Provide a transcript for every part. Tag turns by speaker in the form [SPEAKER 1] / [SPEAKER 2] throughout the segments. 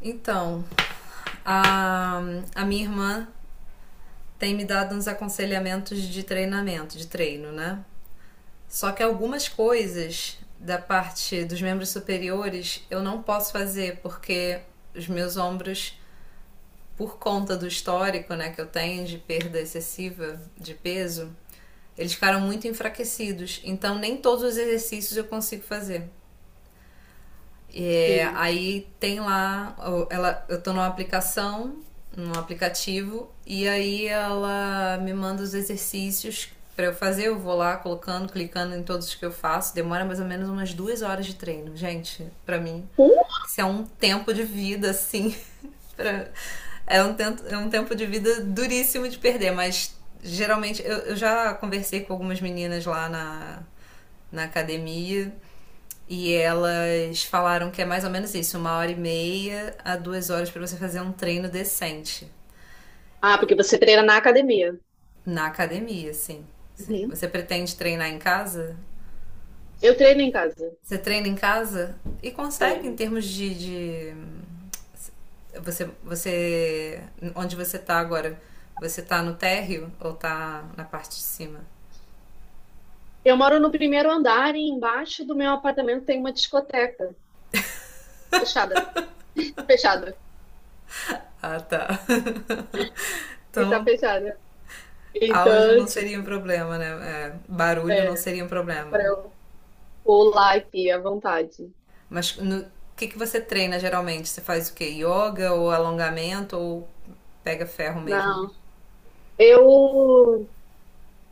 [SPEAKER 1] Então, a, a minha irmã tem me dado uns aconselhamentos de treinamento, de treino, né? Só que algumas coisas da parte dos membros superiores eu não posso fazer porque os meus ombros, por conta do histórico, né, que eu tenho de perda excessiva de peso, eles ficaram muito enfraquecidos. Então nem todos os exercícios eu consigo fazer. É,
[SPEAKER 2] Entendi.
[SPEAKER 1] aí tem lá, ela, eu tô numa aplicação, num aplicativo, e aí ela me manda os exercícios para eu fazer. Eu vou lá colocando, clicando em todos os que eu faço. Demora mais ou menos umas 2 horas de treino. Gente, para mim,
[SPEAKER 2] Por?
[SPEAKER 1] isso é um tempo de vida, assim. Pra... é um tempo de vida duríssimo de perder, mas geralmente eu já conversei com algumas meninas lá na academia e elas falaram que é mais ou menos isso, 1 hora e meia a 2 horas para você fazer um treino decente.
[SPEAKER 2] Ah, porque
[SPEAKER 1] E
[SPEAKER 2] você treina na academia.
[SPEAKER 1] na academia, sim. Sim.
[SPEAKER 2] Uhum.
[SPEAKER 1] Você pretende treinar em casa?
[SPEAKER 2] Eu treino em casa.
[SPEAKER 1] Você treina em casa e consegue em
[SPEAKER 2] Treino.
[SPEAKER 1] termos de você, onde você tá agora? Você tá no térreo ou tá na parte de cima?
[SPEAKER 2] Eu moro no primeiro andar e embaixo do meu apartamento tem uma discoteca. Fechada. Fechada.
[SPEAKER 1] Ah, tá.
[SPEAKER 2] E tá
[SPEAKER 1] Então,
[SPEAKER 2] fechada.
[SPEAKER 1] áudio
[SPEAKER 2] Então,
[SPEAKER 1] não seria
[SPEAKER 2] tipo,
[SPEAKER 1] um problema, né? É, barulho não
[SPEAKER 2] é,
[SPEAKER 1] seria um
[SPEAKER 2] dá
[SPEAKER 1] problema.
[SPEAKER 2] pra eu pular aqui à vontade.
[SPEAKER 1] Mas no que você treina geralmente? Você faz o quê? Yoga ou alongamento ou pega ferro mesmo?
[SPEAKER 2] Não. Eu,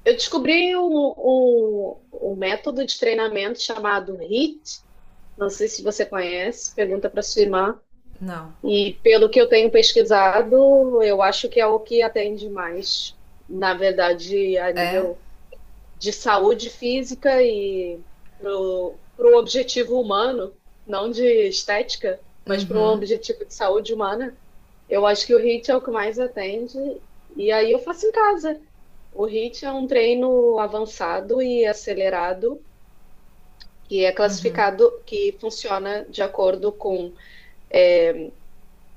[SPEAKER 2] eu descobri um método de treinamento chamado HIIT. Não sei se você conhece. Pergunta pra sua irmã.
[SPEAKER 1] Não.
[SPEAKER 2] E pelo que eu tenho pesquisado, eu acho que é o que atende mais, na verdade, a
[SPEAKER 1] É?
[SPEAKER 2] nível de saúde física e para o objetivo humano, não de estética, mas para um
[SPEAKER 1] Uhum.
[SPEAKER 2] objetivo de saúde humana. Eu acho que o HIIT é o que mais atende, e aí eu faço em casa. O HIIT é um treino avançado e acelerado, que é classificado, que funciona de acordo com é,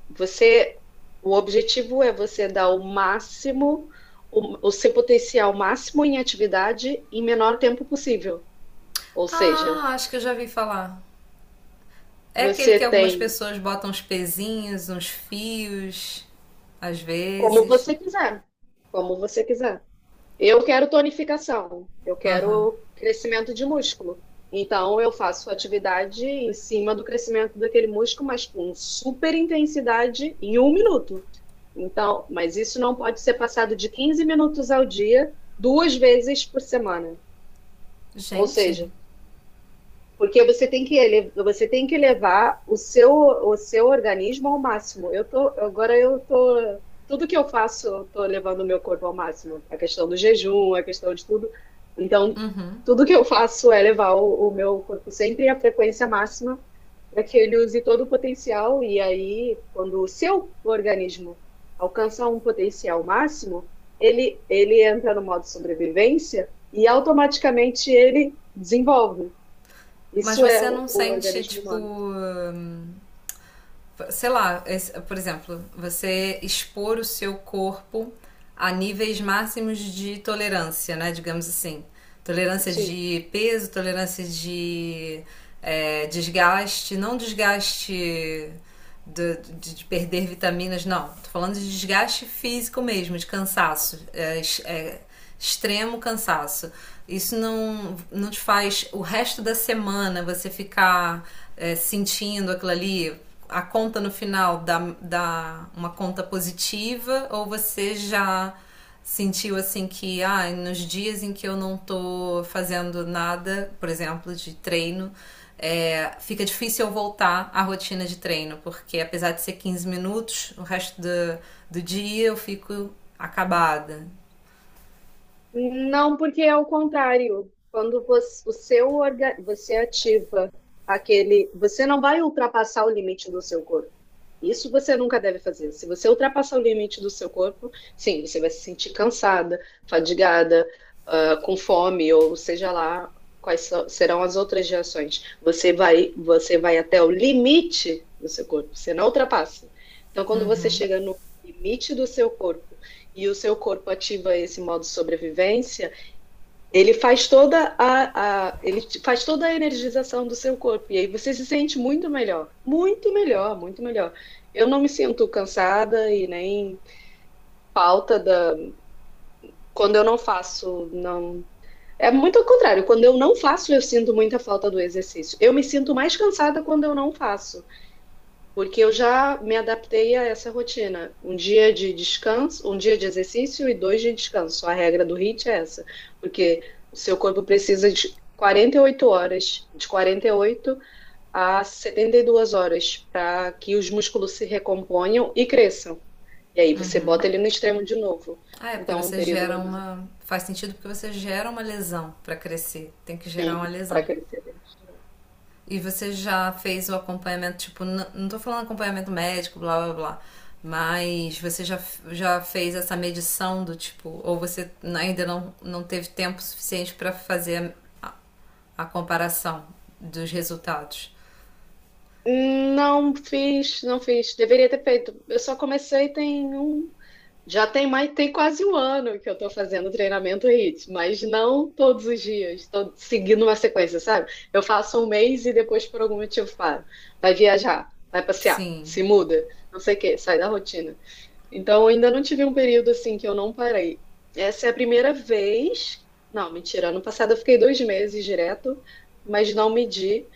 [SPEAKER 2] Você, o objetivo é você dar o máximo, o seu potencial máximo em atividade em menor tempo possível. Ou seja,
[SPEAKER 1] Ah, acho que eu já vi falar. É aquele
[SPEAKER 2] você
[SPEAKER 1] que algumas
[SPEAKER 2] tem
[SPEAKER 1] pessoas botam uns pezinhos, uns fios, às
[SPEAKER 2] como
[SPEAKER 1] vezes.
[SPEAKER 2] você quiser, como você quiser. Eu quero tonificação, eu
[SPEAKER 1] Aham.
[SPEAKER 2] quero crescimento de músculo. Então, eu faço atividade em cima do crescimento daquele músculo, mas com super intensidade em um minuto. Então, mas isso não pode ser passado de 15 minutos ao dia, duas vezes por semana. Ou
[SPEAKER 1] Gente?
[SPEAKER 2] seja, porque você tem que você tem que levar o seu organismo ao máximo. Agora eu tô, tudo que eu faço, eu tô levando o meu corpo ao máximo. A questão do jejum, a questão de tudo. Então,
[SPEAKER 1] Uhum.
[SPEAKER 2] tudo que eu faço é levar o meu corpo sempre à frequência máxima para que ele use todo o potencial. E aí, quando o seu organismo alcança um potencial máximo, ele entra no modo sobrevivência e automaticamente ele desenvolve.
[SPEAKER 1] Mas
[SPEAKER 2] Isso é
[SPEAKER 1] você
[SPEAKER 2] o,
[SPEAKER 1] não
[SPEAKER 2] o
[SPEAKER 1] sente,
[SPEAKER 2] organismo
[SPEAKER 1] tipo.
[SPEAKER 2] humano.
[SPEAKER 1] Sei lá, esse- por exemplo, você expor o seu corpo a níveis máximos de tolerância, né? Digamos assim. Tolerância
[SPEAKER 2] Sim.
[SPEAKER 1] de peso, tolerância de é, desgaste, não desgaste de perder vitaminas, não. Tô falando de desgaste físico mesmo, de cansaço, extremo cansaço. Isso não, não te faz o resto da semana você ficar é, sentindo aquilo ali, a conta no final dá uma conta positiva ou você já sentiu assim que ah, nos dias em que eu não tô fazendo nada, por exemplo, de treino, é, fica difícil eu voltar à rotina de treino, porque apesar de ser 15 minutos, o resto do dia eu fico acabada.
[SPEAKER 2] Não, porque é o contrário. Quando você, o seu orga, você ativa aquele, você não vai ultrapassar o limite do seu corpo. Isso você nunca deve fazer. Se você ultrapassar o limite do seu corpo, sim, você vai se sentir cansada, fadigada, ah, com fome, ou seja lá quais serão as outras reações. Você vai até o limite do seu corpo, você não ultrapassa. Então, quando você chega no limite do seu corpo, e o seu corpo ativa esse modo de sobrevivência, ele faz toda a, ele faz toda a energização do seu corpo e aí você se sente muito melhor, muito melhor, muito melhor. Eu não me sinto cansada e nem falta da quando eu não faço, não, é muito ao contrário. Quando eu não faço, eu sinto muita falta do exercício. Eu me sinto mais cansada quando eu não faço. Porque eu já me adaptei a essa rotina. Um dia de descanso, um dia de exercício e dois de descanso. A regra do HIIT é essa. Porque o seu corpo precisa de 48 horas, de 48 a 72 horas, para que os músculos se recomponham e cresçam. E aí você bota ele no extremo de novo.
[SPEAKER 1] Ah, é porque
[SPEAKER 2] Então, um
[SPEAKER 1] você
[SPEAKER 2] período
[SPEAKER 1] gera
[SPEAKER 2] é mais
[SPEAKER 1] uma. Faz sentido porque você gera uma lesão para crescer. Tem que gerar uma
[SPEAKER 2] assim, para
[SPEAKER 1] lesão.
[SPEAKER 2] crescer.
[SPEAKER 1] E você já fez o acompanhamento, tipo, n- não tô falando acompanhamento médico, blá blá blá, mas você já fez essa medição do tipo, ou você n- ainda não, não teve tempo suficiente para fazer a, a comparação dos resultados?
[SPEAKER 2] Não fiz, não fiz. Deveria ter feito. Eu só comecei tem um. Já tem mais, tem quase um ano que eu tô fazendo treinamento HIIT, mas não todos os dias. Estou seguindo uma sequência, sabe? Eu faço um mês e depois, por algum motivo, paro. Vai viajar, vai passear, se
[SPEAKER 1] Sim.
[SPEAKER 2] muda, não sei o quê, sai da rotina. Então, ainda não tive um período assim que eu não parei. Essa é a primeira vez. Não, mentira. Ano passado eu fiquei 2 meses direto, mas não medi.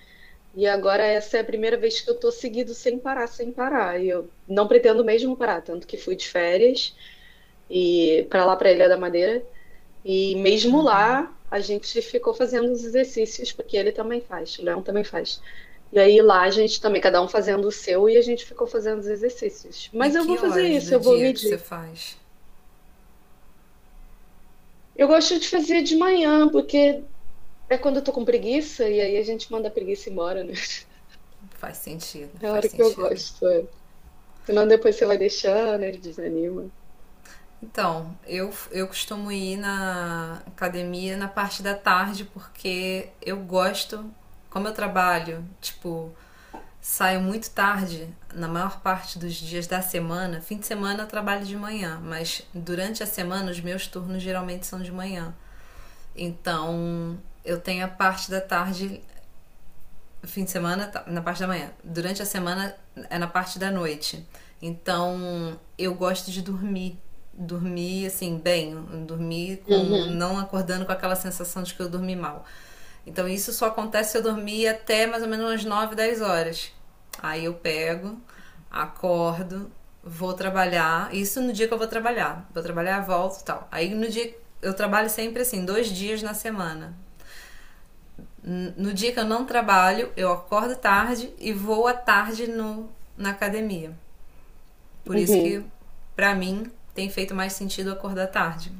[SPEAKER 2] E agora essa é a primeira vez que eu tô seguido sem parar, sem parar. E eu não pretendo mesmo parar, tanto que fui de férias e para lá para Ilha da Madeira. E mesmo lá a gente ficou fazendo os exercícios, porque ele também faz, o Leão também faz. E aí lá a gente também, cada um fazendo o seu, e a gente ficou fazendo os exercícios.
[SPEAKER 1] E
[SPEAKER 2] Mas eu vou
[SPEAKER 1] que
[SPEAKER 2] fazer
[SPEAKER 1] horas
[SPEAKER 2] isso,
[SPEAKER 1] do
[SPEAKER 2] eu vou
[SPEAKER 1] dia que você
[SPEAKER 2] medir.
[SPEAKER 1] faz?
[SPEAKER 2] Eu gosto de fazer de manhã, porque é quando eu tô com preguiça, e aí a gente manda a preguiça embora, né?
[SPEAKER 1] Faz sentido,
[SPEAKER 2] É a
[SPEAKER 1] faz
[SPEAKER 2] hora que eu
[SPEAKER 1] sentido.
[SPEAKER 2] gosto. É. Senão depois você vai deixando, ele desanima.
[SPEAKER 1] Então, eu costumo ir na academia na parte da tarde porque eu gosto, como eu trabalho, tipo, saio muito tarde, na maior parte dos dias da semana. Fim de semana eu trabalho de manhã, mas durante a semana os meus turnos geralmente são de manhã. Então eu tenho a parte da tarde fim de semana tá na parte da manhã. Durante a semana é na parte da noite. Então, eu gosto de dormir. Dormir, assim, bem. Dormir com...
[SPEAKER 2] Uhum,
[SPEAKER 1] Não acordando com aquela sensação de que eu dormi mal. Então, isso só acontece se eu dormir até mais ou menos umas 9 10 horas. Aí eu pego, acordo, vou trabalhar. Isso no dia que eu vou trabalhar. Vou trabalhar, volto e tal. Aí no dia. Eu trabalho sempre assim, dois dias na semana. No dia que eu não trabalho, eu acordo tarde e vou à tarde no, na academia. Por isso
[SPEAKER 2] uhum.
[SPEAKER 1] que, pra mim, tem feito mais sentido acordar tarde,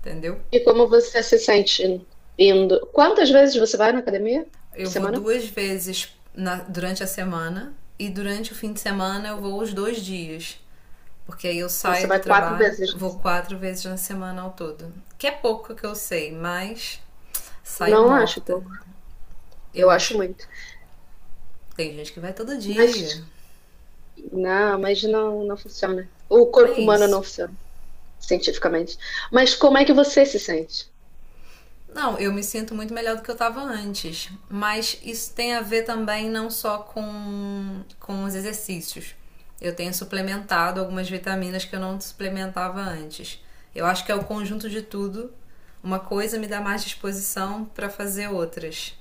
[SPEAKER 1] entendeu?
[SPEAKER 2] E como você se sente indo? Quantas vezes você vai na academia por
[SPEAKER 1] Eu vou
[SPEAKER 2] semana?
[SPEAKER 1] duas vezes na, durante a semana e durante o fim de semana eu vou os dois dias. Porque aí eu
[SPEAKER 2] Então você
[SPEAKER 1] saio do
[SPEAKER 2] vai quatro
[SPEAKER 1] trabalho, vou
[SPEAKER 2] vezes.
[SPEAKER 1] quatro vezes na semana ao todo. Que é pouco que eu sei, mas saio
[SPEAKER 2] Não acho
[SPEAKER 1] morta.
[SPEAKER 2] pouco.
[SPEAKER 1] Eu
[SPEAKER 2] Eu acho
[SPEAKER 1] acho.
[SPEAKER 2] muito.
[SPEAKER 1] Tem gente que vai todo
[SPEAKER 2] Mas
[SPEAKER 1] dia.
[SPEAKER 2] não, mas não, não funciona. O
[SPEAKER 1] É
[SPEAKER 2] corpo humano
[SPEAKER 1] isso.
[SPEAKER 2] não funciona, cientificamente. Mas como é que você se sente?
[SPEAKER 1] Não, eu me sinto muito melhor do que eu estava antes. Mas isso tem a ver também não só com os exercícios. Eu tenho suplementado algumas vitaminas que eu não suplementava antes. Eu acho que é o conjunto de tudo. Uma coisa me dá mais disposição para fazer outras.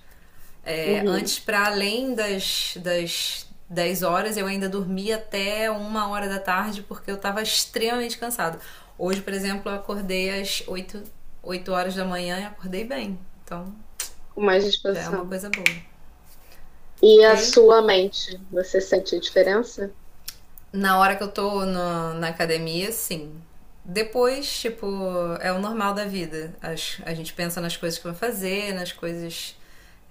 [SPEAKER 1] É,
[SPEAKER 2] Uhum.
[SPEAKER 1] antes, para além das 10 horas, eu ainda dormia até 1 hora da tarde porque eu estava extremamente cansado. Hoje, por exemplo, eu acordei às 8 8 horas da manhã e acordei bem. Então,
[SPEAKER 2] Com mais
[SPEAKER 1] já é uma
[SPEAKER 2] disposição.
[SPEAKER 1] coisa boa,
[SPEAKER 2] E a
[SPEAKER 1] ok?
[SPEAKER 2] sua mente, você sente a diferença?
[SPEAKER 1] Na hora que eu tô no- na academia, sim. Depois, tipo, é o normal da vida. As- a gente pensa nas coisas que vai fazer, nas coisas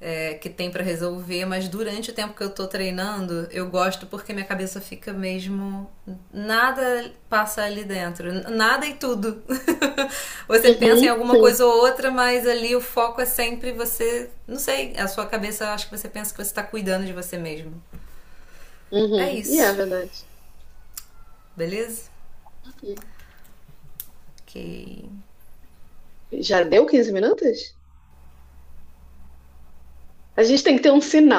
[SPEAKER 1] é, que tem pra resolver, mas durante o tempo que eu tô treinando, eu gosto porque minha cabeça fica mesmo. Nada passa ali dentro. N- Nada e tudo. Você pensa em
[SPEAKER 2] Uhum,
[SPEAKER 1] alguma
[SPEAKER 2] sim.
[SPEAKER 1] coisa ou outra, mas ali o foco é sempre você. Não sei, a sua cabeça, eu acho que você pensa que você tá cuidando de você mesmo. É
[SPEAKER 2] Uhum. E é
[SPEAKER 1] isso,
[SPEAKER 2] verdade.
[SPEAKER 1] beleza?
[SPEAKER 2] Ok.
[SPEAKER 1] Ok.
[SPEAKER 2] Já deu 15 minutos? A gente tem que ter um sinal.